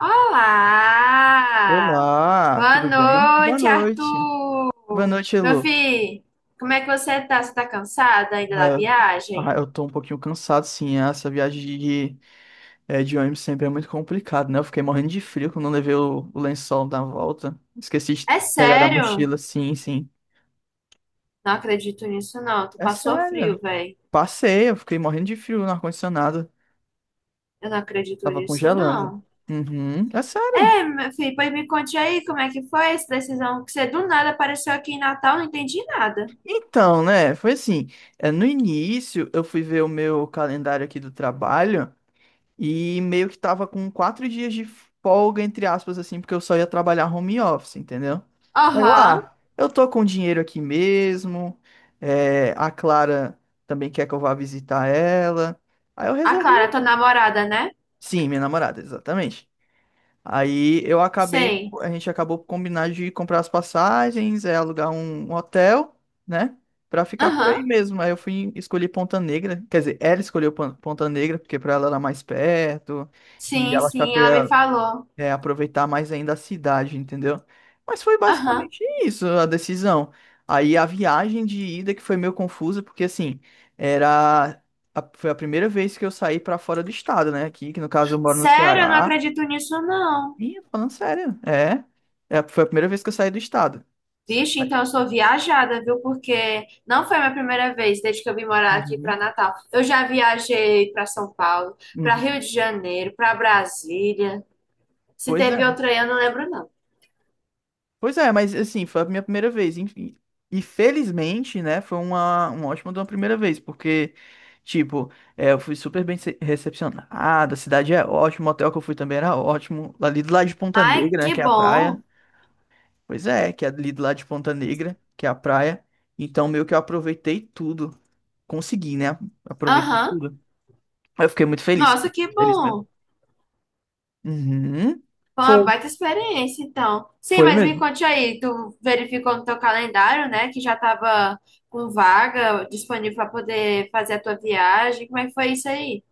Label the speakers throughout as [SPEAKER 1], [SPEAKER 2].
[SPEAKER 1] Olá!
[SPEAKER 2] Olá,
[SPEAKER 1] Boa
[SPEAKER 2] tudo bem? Boa
[SPEAKER 1] noite,
[SPEAKER 2] noite. Boa
[SPEAKER 1] Arthur!
[SPEAKER 2] noite,
[SPEAKER 1] Meu
[SPEAKER 2] Elô.
[SPEAKER 1] filho, como é que você tá? Você tá cansada ainda
[SPEAKER 2] Ah,
[SPEAKER 1] da
[SPEAKER 2] eu,
[SPEAKER 1] viagem?
[SPEAKER 2] eu tô um pouquinho cansado, sim. Essa viagem de ônibus sempre é muito complicado, né? Eu fiquei morrendo de frio quando eu levei o lençol na volta. Esqueci de
[SPEAKER 1] É
[SPEAKER 2] pegar da
[SPEAKER 1] sério?
[SPEAKER 2] mochila, sim, sim.
[SPEAKER 1] Não acredito nisso, não. Tu
[SPEAKER 2] É
[SPEAKER 1] passou
[SPEAKER 2] sério.
[SPEAKER 1] frio, velho.
[SPEAKER 2] Passei, eu fiquei morrendo de frio no ar-condicionado.
[SPEAKER 1] Eu não acredito
[SPEAKER 2] Tava
[SPEAKER 1] nisso,
[SPEAKER 2] congelando.
[SPEAKER 1] não.
[SPEAKER 2] Uhum, é sério.
[SPEAKER 1] É, meu filho, pois me conte aí como é que foi essa decisão que você do nada apareceu aqui em Natal, não entendi nada.
[SPEAKER 2] Então, né? Foi assim. No início, eu fui ver o meu calendário aqui do trabalho. E meio que tava com 4 dias de folga, entre aspas, assim, porque eu só ia trabalhar home office, entendeu? Aí Eu,
[SPEAKER 1] Aham.
[SPEAKER 2] ah, eu tô com dinheiro aqui mesmo. A Clara também quer que eu vá visitar ela. Aí eu
[SPEAKER 1] A
[SPEAKER 2] resolvi.
[SPEAKER 1] Clara, tua namorada, né?
[SPEAKER 2] Sim, minha namorada, exatamente. Aí eu acabei,
[SPEAKER 1] Sei.
[SPEAKER 2] a gente acabou por combinar de comprar as passagens, alugar um hotel, né? Pra ficar por aí
[SPEAKER 1] Aham.
[SPEAKER 2] mesmo. Aí eu fui escolher Ponta Negra. Quer dizer, ela escolheu Ponta Negra, porque pra ela era mais perto. E
[SPEAKER 1] Sim,
[SPEAKER 2] ela achava
[SPEAKER 1] sim,
[SPEAKER 2] que eu
[SPEAKER 1] ela me
[SPEAKER 2] ia,
[SPEAKER 1] falou.
[SPEAKER 2] aproveitar mais ainda a cidade, entendeu? Mas foi
[SPEAKER 1] Aham.
[SPEAKER 2] basicamente isso a decisão. Aí a viagem de ida que foi meio confusa, porque assim, era. Foi a primeira vez que eu saí pra fora do estado, né? Aqui, que no caso eu moro no
[SPEAKER 1] Sério, eu não
[SPEAKER 2] Ceará.
[SPEAKER 1] acredito nisso, não.
[SPEAKER 2] Ih, falando sério. É. É, foi a primeira vez que eu saí do estado.
[SPEAKER 1] Vixe, então eu sou viajada, viu? Porque não foi a minha primeira vez desde que eu vim morar aqui para
[SPEAKER 2] Uhum,
[SPEAKER 1] Natal. Eu já viajei para São Paulo, para
[SPEAKER 2] uhum.
[SPEAKER 1] Rio de Janeiro, para Brasília. Se
[SPEAKER 2] Pois
[SPEAKER 1] teve
[SPEAKER 2] é.
[SPEAKER 1] outra aí, eu não lembro, não.
[SPEAKER 2] Pois é, mas assim, foi a minha primeira vez, enfim. E felizmente, né, foi uma ótima de uma primeira vez, porque, tipo, eu fui super bem recepcionado, a cidade é ótima, o hotel que eu fui também era ótimo, ali do lado de Ponta
[SPEAKER 1] Ai,
[SPEAKER 2] Negra, né,
[SPEAKER 1] que
[SPEAKER 2] que é a praia.
[SPEAKER 1] bom.
[SPEAKER 2] Pois é, que é ali do lado de Ponta Negra, que é a praia. Então, meio que eu aproveitei tudo, consegui, né, aproveitei
[SPEAKER 1] Aham.
[SPEAKER 2] tudo. Eu fiquei muito feliz,
[SPEAKER 1] Nossa, que
[SPEAKER 2] feliz mesmo.
[SPEAKER 1] bom.
[SPEAKER 2] Uhum.
[SPEAKER 1] Foi uma
[SPEAKER 2] Foi,
[SPEAKER 1] baita experiência, então. Sim,
[SPEAKER 2] foi
[SPEAKER 1] mas me
[SPEAKER 2] mesmo.
[SPEAKER 1] conte aí, tu verificou no teu calendário, né, que já tava com vaga disponível para poder fazer a tua viagem. Como é que foi isso aí?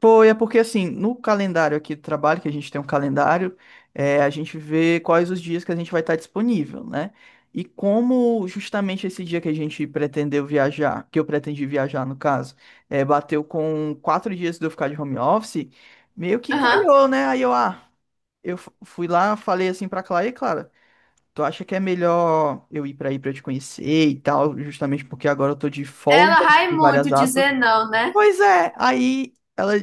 [SPEAKER 2] Foi, é porque assim, no calendário aqui do trabalho, que a gente tem um calendário, a gente vê quais os dias que a gente vai estar disponível, né? E como justamente esse dia que a gente pretendeu viajar, que eu pretendi viajar no caso, bateu com 4 dias de eu ficar de home office, meio que
[SPEAKER 1] Aham.
[SPEAKER 2] calhou, né? Aí eu fui lá, falei assim pra Clara, e Clara, tu acha que é melhor eu ir pra aí pra eu te conhecer e tal, justamente porque agora eu tô de
[SPEAKER 1] Ela
[SPEAKER 2] folga,
[SPEAKER 1] vai
[SPEAKER 2] de
[SPEAKER 1] muito
[SPEAKER 2] várias
[SPEAKER 1] dizer
[SPEAKER 2] aspas.
[SPEAKER 1] não, né?
[SPEAKER 2] Pois é, aí ela,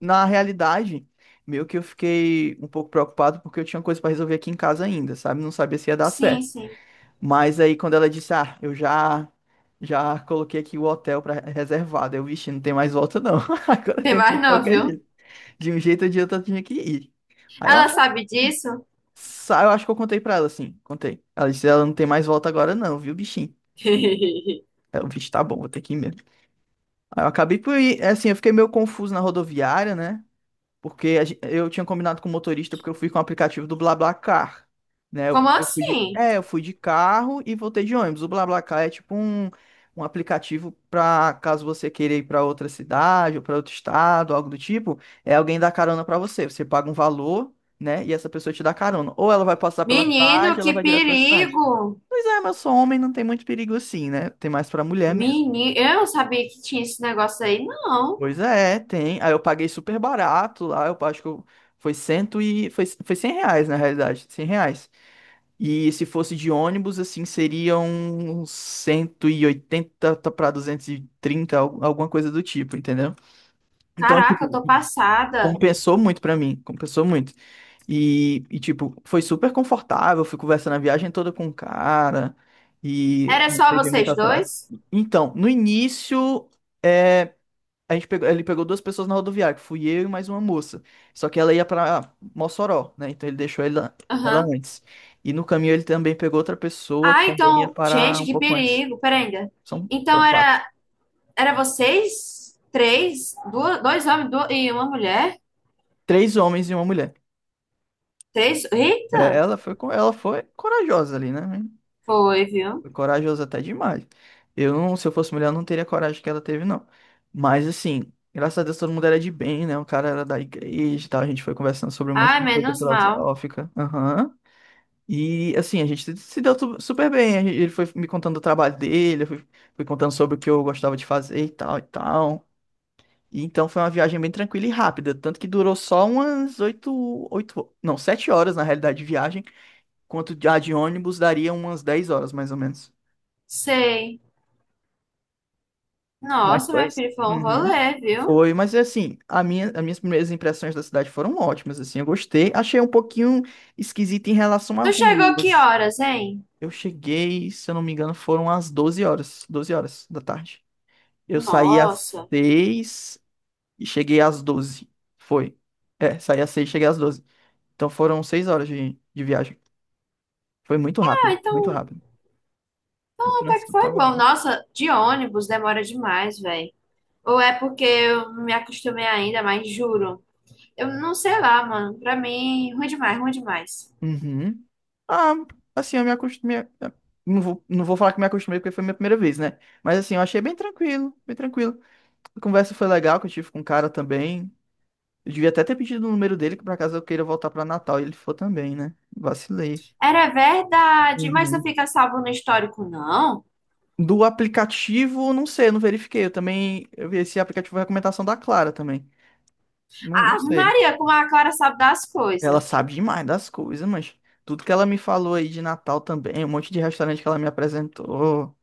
[SPEAKER 2] na realidade, meio que eu fiquei um pouco preocupado porque eu tinha coisa pra resolver aqui em casa ainda, sabe? Não sabia se ia dar
[SPEAKER 1] Sim,
[SPEAKER 2] certo.
[SPEAKER 1] sim.
[SPEAKER 2] Mas aí quando ela disse, eu já coloquei aqui o hotel para reservado, eu, vixe, não tem mais volta não. Agora
[SPEAKER 1] Tem
[SPEAKER 2] tem que ir
[SPEAKER 1] mais
[SPEAKER 2] de
[SPEAKER 1] não,
[SPEAKER 2] qualquer
[SPEAKER 1] viu?
[SPEAKER 2] jeito. De um jeito ou de outro eu tinha que ir. Aí eu,
[SPEAKER 1] Ela sabe disso?
[SPEAKER 2] eu acho que eu contei pra ela assim, contei. Ela disse, ela não tem mais volta agora não, viu, bichinho? Aí eu, vixe, tá bom, vou ter que ir mesmo. Aí eu acabei por ir, assim, eu fiquei meio confuso na rodoviária, né? Porque eu tinha combinado com o motorista porque eu fui com o aplicativo do BlaBlaCar, né? Eu,
[SPEAKER 1] Como
[SPEAKER 2] eu fui de,
[SPEAKER 1] assim?
[SPEAKER 2] é, eu fui de carro e voltei de ônibus. O BlaBlaCar é tipo um aplicativo para caso você queira ir para outra cidade ou para outro estado, algo do tipo, é alguém dá carona para você. Você paga um valor, né? E essa pessoa te dá carona. Ou ela vai passar pela
[SPEAKER 1] Menino,
[SPEAKER 2] cidade, ou ela
[SPEAKER 1] que
[SPEAKER 2] vai direto para a cidade.
[SPEAKER 1] perigo!
[SPEAKER 2] Pois é, mas eu sou homem, não tem muito perigo assim, né? Tem mais para mulher mesmo.
[SPEAKER 1] Menino, eu não sabia que tinha esse negócio aí, não.
[SPEAKER 2] Pois é, tem. Aí eu paguei super barato lá, eu acho que eu- foi cento e... Foi, foi R$ 100, na realidade, R$ 100. E se fosse de ônibus, assim, seriam 180 para 230, alguma coisa do tipo, entendeu? Então,
[SPEAKER 1] Caraca, eu
[SPEAKER 2] tipo,
[SPEAKER 1] tô passada.
[SPEAKER 2] compensou muito pra mim, compensou muito. E, tipo, foi super confortável, fui conversando a viagem toda com o cara e
[SPEAKER 1] Era
[SPEAKER 2] não
[SPEAKER 1] só
[SPEAKER 2] teve muito
[SPEAKER 1] vocês
[SPEAKER 2] atraso.
[SPEAKER 1] dois?
[SPEAKER 2] Então, no início... é, ele pegou duas pessoas na rodoviária, que fui eu e mais uma moça. Só que ela ia pra Mossoró, né? Então ele deixou ela
[SPEAKER 1] Aham.
[SPEAKER 2] antes. E no caminho ele também pegou outra pessoa que
[SPEAKER 1] Ah,
[SPEAKER 2] também ia
[SPEAKER 1] então,
[SPEAKER 2] parar
[SPEAKER 1] gente,
[SPEAKER 2] um
[SPEAKER 1] que
[SPEAKER 2] pouco antes.
[SPEAKER 1] perigo. Pera ainda.
[SPEAKER 2] São
[SPEAKER 1] Então
[SPEAKER 2] foram quatro.
[SPEAKER 1] era, era vocês três? Duas, e uma mulher?
[SPEAKER 2] Três homens e uma mulher.
[SPEAKER 1] Três?
[SPEAKER 2] É,
[SPEAKER 1] Eita!
[SPEAKER 2] ela foi corajosa ali, né?
[SPEAKER 1] Foi, viu?
[SPEAKER 2] Foi corajosa até demais. Eu não, se eu fosse mulher, eu não teria a coragem que ela teve, não. Mas assim, graças a Deus todo mundo era de bem, né? O cara era da igreja e tal. A gente foi conversando sobre um monte
[SPEAKER 1] Ai,
[SPEAKER 2] de coisa
[SPEAKER 1] menos mal.
[SPEAKER 2] filosófica. Aham. E assim, a gente se deu super bem. Ele foi me contando do trabalho dele, eu fui contando sobre o que eu gostava de fazer e tal e tal. E então foi uma viagem bem tranquila e rápida, tanto que durou só umas oito, oito, não, 7 horas na realidade de viagem, quanto a de ônibus daria umas 10 horas mais ou menos.
[SPEAKER 1] Sei.
[SPEAKER 2] Mas
[SPEAKER 1] Nossa,
[SPEAKER 2] foi
[SPEAKER 1] meu
[SPEAKER 2] isso.
[SPEAKER 1] filho, foi um
[SPEAKER 2] Uhum.
[SPEAKER 1] rolê, viu?
[SPEAKER 2] Foi, mas assim, as minhas primeiras impressões da cidade foram ótimas, assim, eu gostei. Achei um pouquinho esquisito em relação à
[SPEAKER 1] Tu chegou
[SPEAKER 2] rua.
[SPEAKER 1] que horas, hein?
[SPEAKER 2] Eu cheguei, se eu não me engano, foram às 12 horas, 12 horas da tarde. Eu saí às
[SPEAKER 1] Nossa.
[SPEAKER 2] 6 e cheguei às 12. Foi. É, saí às 6, e cheguei às 12. Então foram 6 horas de viagem. Foi muito
[SPEAKER 1] Ah,
[SPEAKER 2] rápido, muito
[SPEAKER 1] então,
[SPEAKER 2] rápido. O
[SPEAKER 1] então até que
[SPEAKER 2] trânsito
[SPEAKER 1] foi
[SPEAKER 2] tava
[SPEAKER 1] bom.
[SPEAKER 2] bom.
[SPEAKER 1] Nossa, de ônibus demora demais, velho. Ou é porque eu não me acostumei ainda, mas juro. Eu não sei lá, mano. Pra mim, ruim demais, ruim demais.
[SPEAKER 2] Uhum. Ah, assim, eu me acostumei. Não vou falar que me acostumei porque foi minha primeira vez, né? Mas assim, eu achei bem tranquilo, bem tranquilo. A conversa foi legal que eu tive com o cara também. Eu devia até ter pedido o número dele, que por acaso eu queira voltar pra Natal e ele for também, né? Vacilei.
[SPEAKER 1] Era verdade, mas não
[SPEAKER 2] Uhum.
[SPEAKER 1] fica salvo no histórico, não?
[SPEAKER 2] Do aplicativo, não sei, eu não verifiquei. Eu vi esse aplicativo foi recomendação da Clara também. Não, não
[SPEAKER 1] Ave
[SPEAKER 2] sei.
[SPEAKER 1] Maria, como a Clara sabe das
[SPEAKER 2] Ela
[SPEAKER 1] coisas.
[SPEAKER 2] sabe demais das coisas, mas tudo que ela me falou aí de Natal também, um monte de restaurante que ela me apresentou,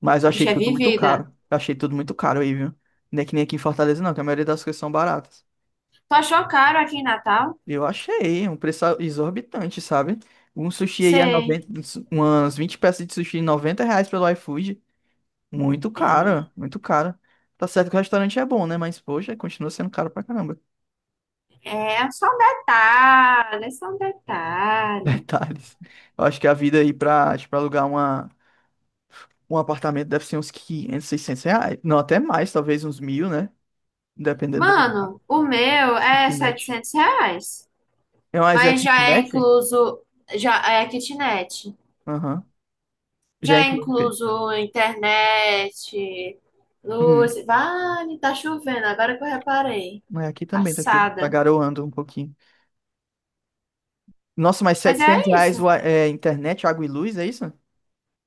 [SPEAKER 2] mas eu
[SPEAKER 1] A
[SPEAKER 2] achei
[SPEAKER 1] bicha é
[SPEAKER 2] tudo muito caro.
[SPEAKER 1] vivida.
[SPEAKER 2] Eu achei tudo muito caro aí, viu? Não é que nem aqui em Fortaleza, não, que a maioria das coisas são baratas.
[SPEAKER 1] Tu achou caro aqui em Natal?
[SPEAKER 2] Eu achei um preço exorbitante, sabe? Um sushi aí é
[SPEAKER 1] Sei.
[SPEAKER 2] 90, umas 20 peças de sushi, R$ 90 pelo iFood. Muito
[SPEAKER 1] É.
[SPEAKER 2] caro, muito caro. Tá certo que o restaurante é bom, né? Mas, poxa, continua sendo caro pra caramba.
[SPEAKER 1] É só um detalhe, é só um detalhe.
[SPEAKER 2] Detalhes. Eu acho que a vida aí pra, tipo, alugar um apartamento deve ser uns 500, R$ 600. Não, até mais, talvez uns 1000, né? Dependendo do lugar.
[SPEAKER 1] Mano, o meu é
[SPEAKER 2] Kitnet.
[SPEAKER 1] R$ 700,
[SPEAKER 2] É mais é
[SPEAKER 1] mas já é
[SPEAKER 2] kitnet?
[SPEAKER 1] incluso, já é kitnet,
[SPEAKER 2] Aham. Já
[SPEAKER 1] já é
[SPEAKER 2] inclui o quê?
[SPEAKER 1] incluso internet,
[SPEAKER 2] Hum.
[SPEAKER 1] luz, vale, tá chovendo, agora que eu reparei,
[SPEAKER 2] Mas aqui também tá
[SPEAKER 1] passada.
[SPEAKER 2] garoando um pouquinho. Nossa, mas
[SPEAKER 1] Mas
[SPEAKER 2] 700
[SPEAKER 1] é
[SPEAKER 2] reais
[SPEAKER 1] isso,
[SPEAKER 2] internet, água e luz, é isso?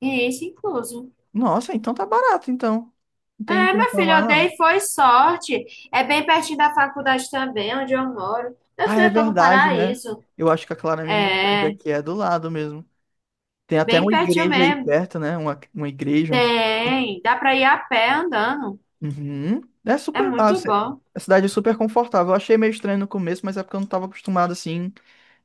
[SPEAKER 1] e isso incluso.
[SPEAKER 2] Nossa, então tá barato, então. Não tenho
[SPEAKER 1] É,
[SPEAKER 2] que
[SPEAKER 1] meu filho,
[SPEAKER 2] reclamar,
[SPEAKER 1] eu
[SPEAKER 2] não.
[SPEAKER 1] dei, foi sorte. É bem pertinho da faculdade também, onde eu moro. Meu
[SPEAKER 2] Ah,
[SPEAKER 1] filho,
[SPEAKER 2] é
[SPEAKER 1] eu tô no
[SPEAKER 2] verdade, né?
[SPEAKER 1] paraíso.
[SPEAKER 2] Eu acho que a Clara me mostrou que
[SPEAKER 1] É,
[SPEAKER 2] aqui é do lado mesmo. Tem até
[SPEAKER 1] bem
[SPEAKER 2] uma
[SPEAKER 1] pertinho
[SPEAKER 2] igreja aí
[SPEAKER 1] mesmo.
[SPEAKER 2] perto, né? Uma igreja.
[SPEAKER 1] Tem, dá pra ir a pé andando.
[SPEAKER 2] Uhum. É
[SPEAKER 1] É
[SPEAKER 2] super.
[SPEAKER 1] muito bom.
[SPEAKER 2] A cidade é super confortável. Eu achei meio estranho no começo, mas é porque eu não estava acostumado assim.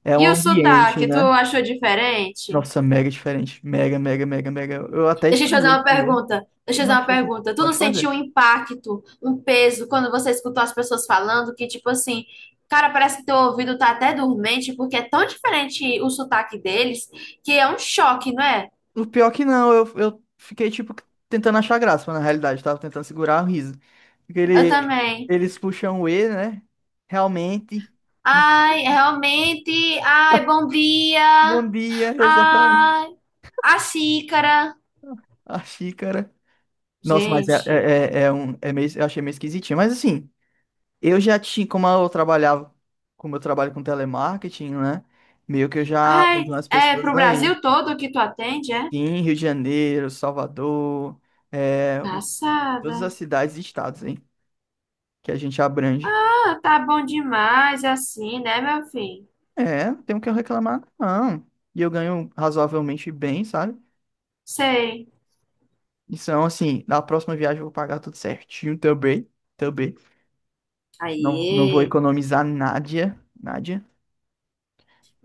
[SPEAKER 2] É um
[SPEAKER 1] E o
[SPEAKER 2] ambiente,
[SPEAKER 1] sotaque, tu
[SPEAKER 2] né?
[SPEAKER 1] achou diferente?
[SPEAKER 2] Nossa, mega diferente. Mega, mega, mega, mega. Eu até
[SPEAKER 1] Deixa eu te fazer
[SPEAKER 2] estranhei
[SPEAKER 1] uma
[SPEAKER 2] primeiro.
[SPEAKER 1] pergunta. Deixa
[SPEAKER 2] Eu
[SPEAKER 1] eu te fazer
[SPEAKER 2] não
[SPEAKER 1] uma
[SPEAKER 2] achei que
[SPEAKER 1] pergunta. Tu não
[SPEAKER 2] pode
[SPEAKER 1] sentiu
[SPEAKER 2] fazer.
[SPEAKER 1] um impacto, um peso, quando você escutou as pessoas falando que, tipo assim, cara, parece que teu ouvido tá até dormente, porque é tão diferente o sotaque deles, que é um choque, não é?
[SPEAKER 2] O pior que não, eu fiquei, tipo, tentando achar graça, mas na realidade, eu tava tentando segurar o riso. Porque
[SPEAKER 1] Eu também.
[SPEAKER 2] eles puxam o E, né? Realmente.
[SPEAKER 1] Ai, realmente. Ai, bom dia.
[SPEAKER 2] Bom dia, exatamente.
[SPEAKER 1] Ai, a xícara.
[SPEAKER 2] A xícara. Nossa, mas
[SPEAKER 1] Gente.
[SPEAKER 2] é meio, eu achei meio esquisitinho. Mas assim, eu já tinha, como eu trabalho com telemarketing, né? Meio que eu já
[SPEAKER 1] Ai,
[SPEAKER 2] atendi umas
[SPEAKER 1] é
[SPEAKER 2] pessoas
[SPEAKER 1] pro
[SPEAKER 2] daí.
[SPEAKER 1] Brasil todo que tu atende, é?
[SPEAKER 2] Em Rio de Janeiro, Salvador, é, um-
[SPEAKER 1] Passada.
[SPEAKER 2] todas as cidades e estados, hein? Que a gente abrange.
[SPEAKER 1] Ah, tá bom demais assim, né, meu filho?
[SPEAKER 2] É, não tenho o que eu reclamar, não. E eu ganho razoavelmente bem, sabe?
[SPEAKER 1] Sei.
[SPEAKER 2] Então, assim, na próxima viagem eu vou pagar tudo certinho também. Também. Não, não vou
[SPEAKER 1] Aí.
[SPEAKER 2] economizar nada. Nada.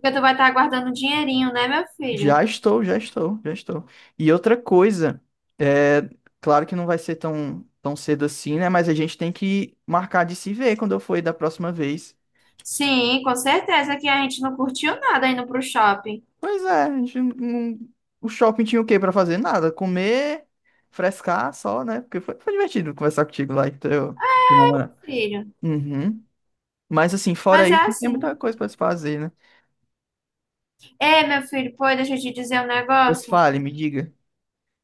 [SPEAKER 1] Porque tu vai estar guardando um dinheirinho, né, meu filho?
[SPEAKER 2] Já estou, já estou, já estou. E outra coisa, é, claro que não vai ser tão, tão cedo assim, né? Mas a gente tem que marcar de se ver quando eu for aí da próxima vez.
[SPEAKER 1] Sim, com certeza que a gente não curtiu nada indo pro shopping,
[SPEAKER 2] Pois é, a gente não- o shopping tinha o quê pra fazer? Nada, comer, frescar só, né? Porque foi divertido conversar contigo lá, então. Ah.
[SPEAKER 1] filho.
[SPEAKER 2] Uhum. Mas assim, fora
[SPEAKER 1] Mas é
[SPEAKER 2] isso, não tem
[SPEAKER 1] assim.
[SPEAKER 2] muita coisa pra se fazer, né?
[SPEAKER 1] Ei, meu filho, pô, deixa eu te dizer um
[SPEAKER 2] Pois
[SPEAKER 1] negócio.
[SPEAKER 2] fale, me diga.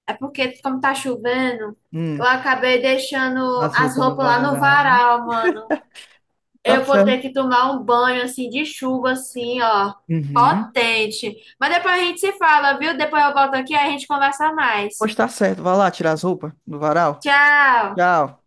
[SPEAKER 1] É porque, como tá chovendo,
[SPEAKER 2] Hum,
[SPEAKER 1] eu acabei deixando
[SPEAKER 2] as
[SPEAKER 1] as
[SPEAKER 2] roupas no
[SPEAKER 1] roupas lá no
[SPEAKER 2] varal.
[SPEAKER 1] varal, mano.
[SPEAKER 2] Tá
[SPEAKER 1] Eu vou ter
[SPEAKER 2] certo.
[SPEAKER 1] que tomar um banho assim de chuva, assim, ó,
[SPEAKER 2] Uhum.
[SPEAKER 1] potente. Mas depois a gente se fala, viu? Depois eu volto aqui e a gente conversa mais.
[SPEAKER 2] Pois tá certo, vai lá tirar as roupas do varal.
[SPEAKER 1] Tchau!
[SPEAKER 2] Tchau.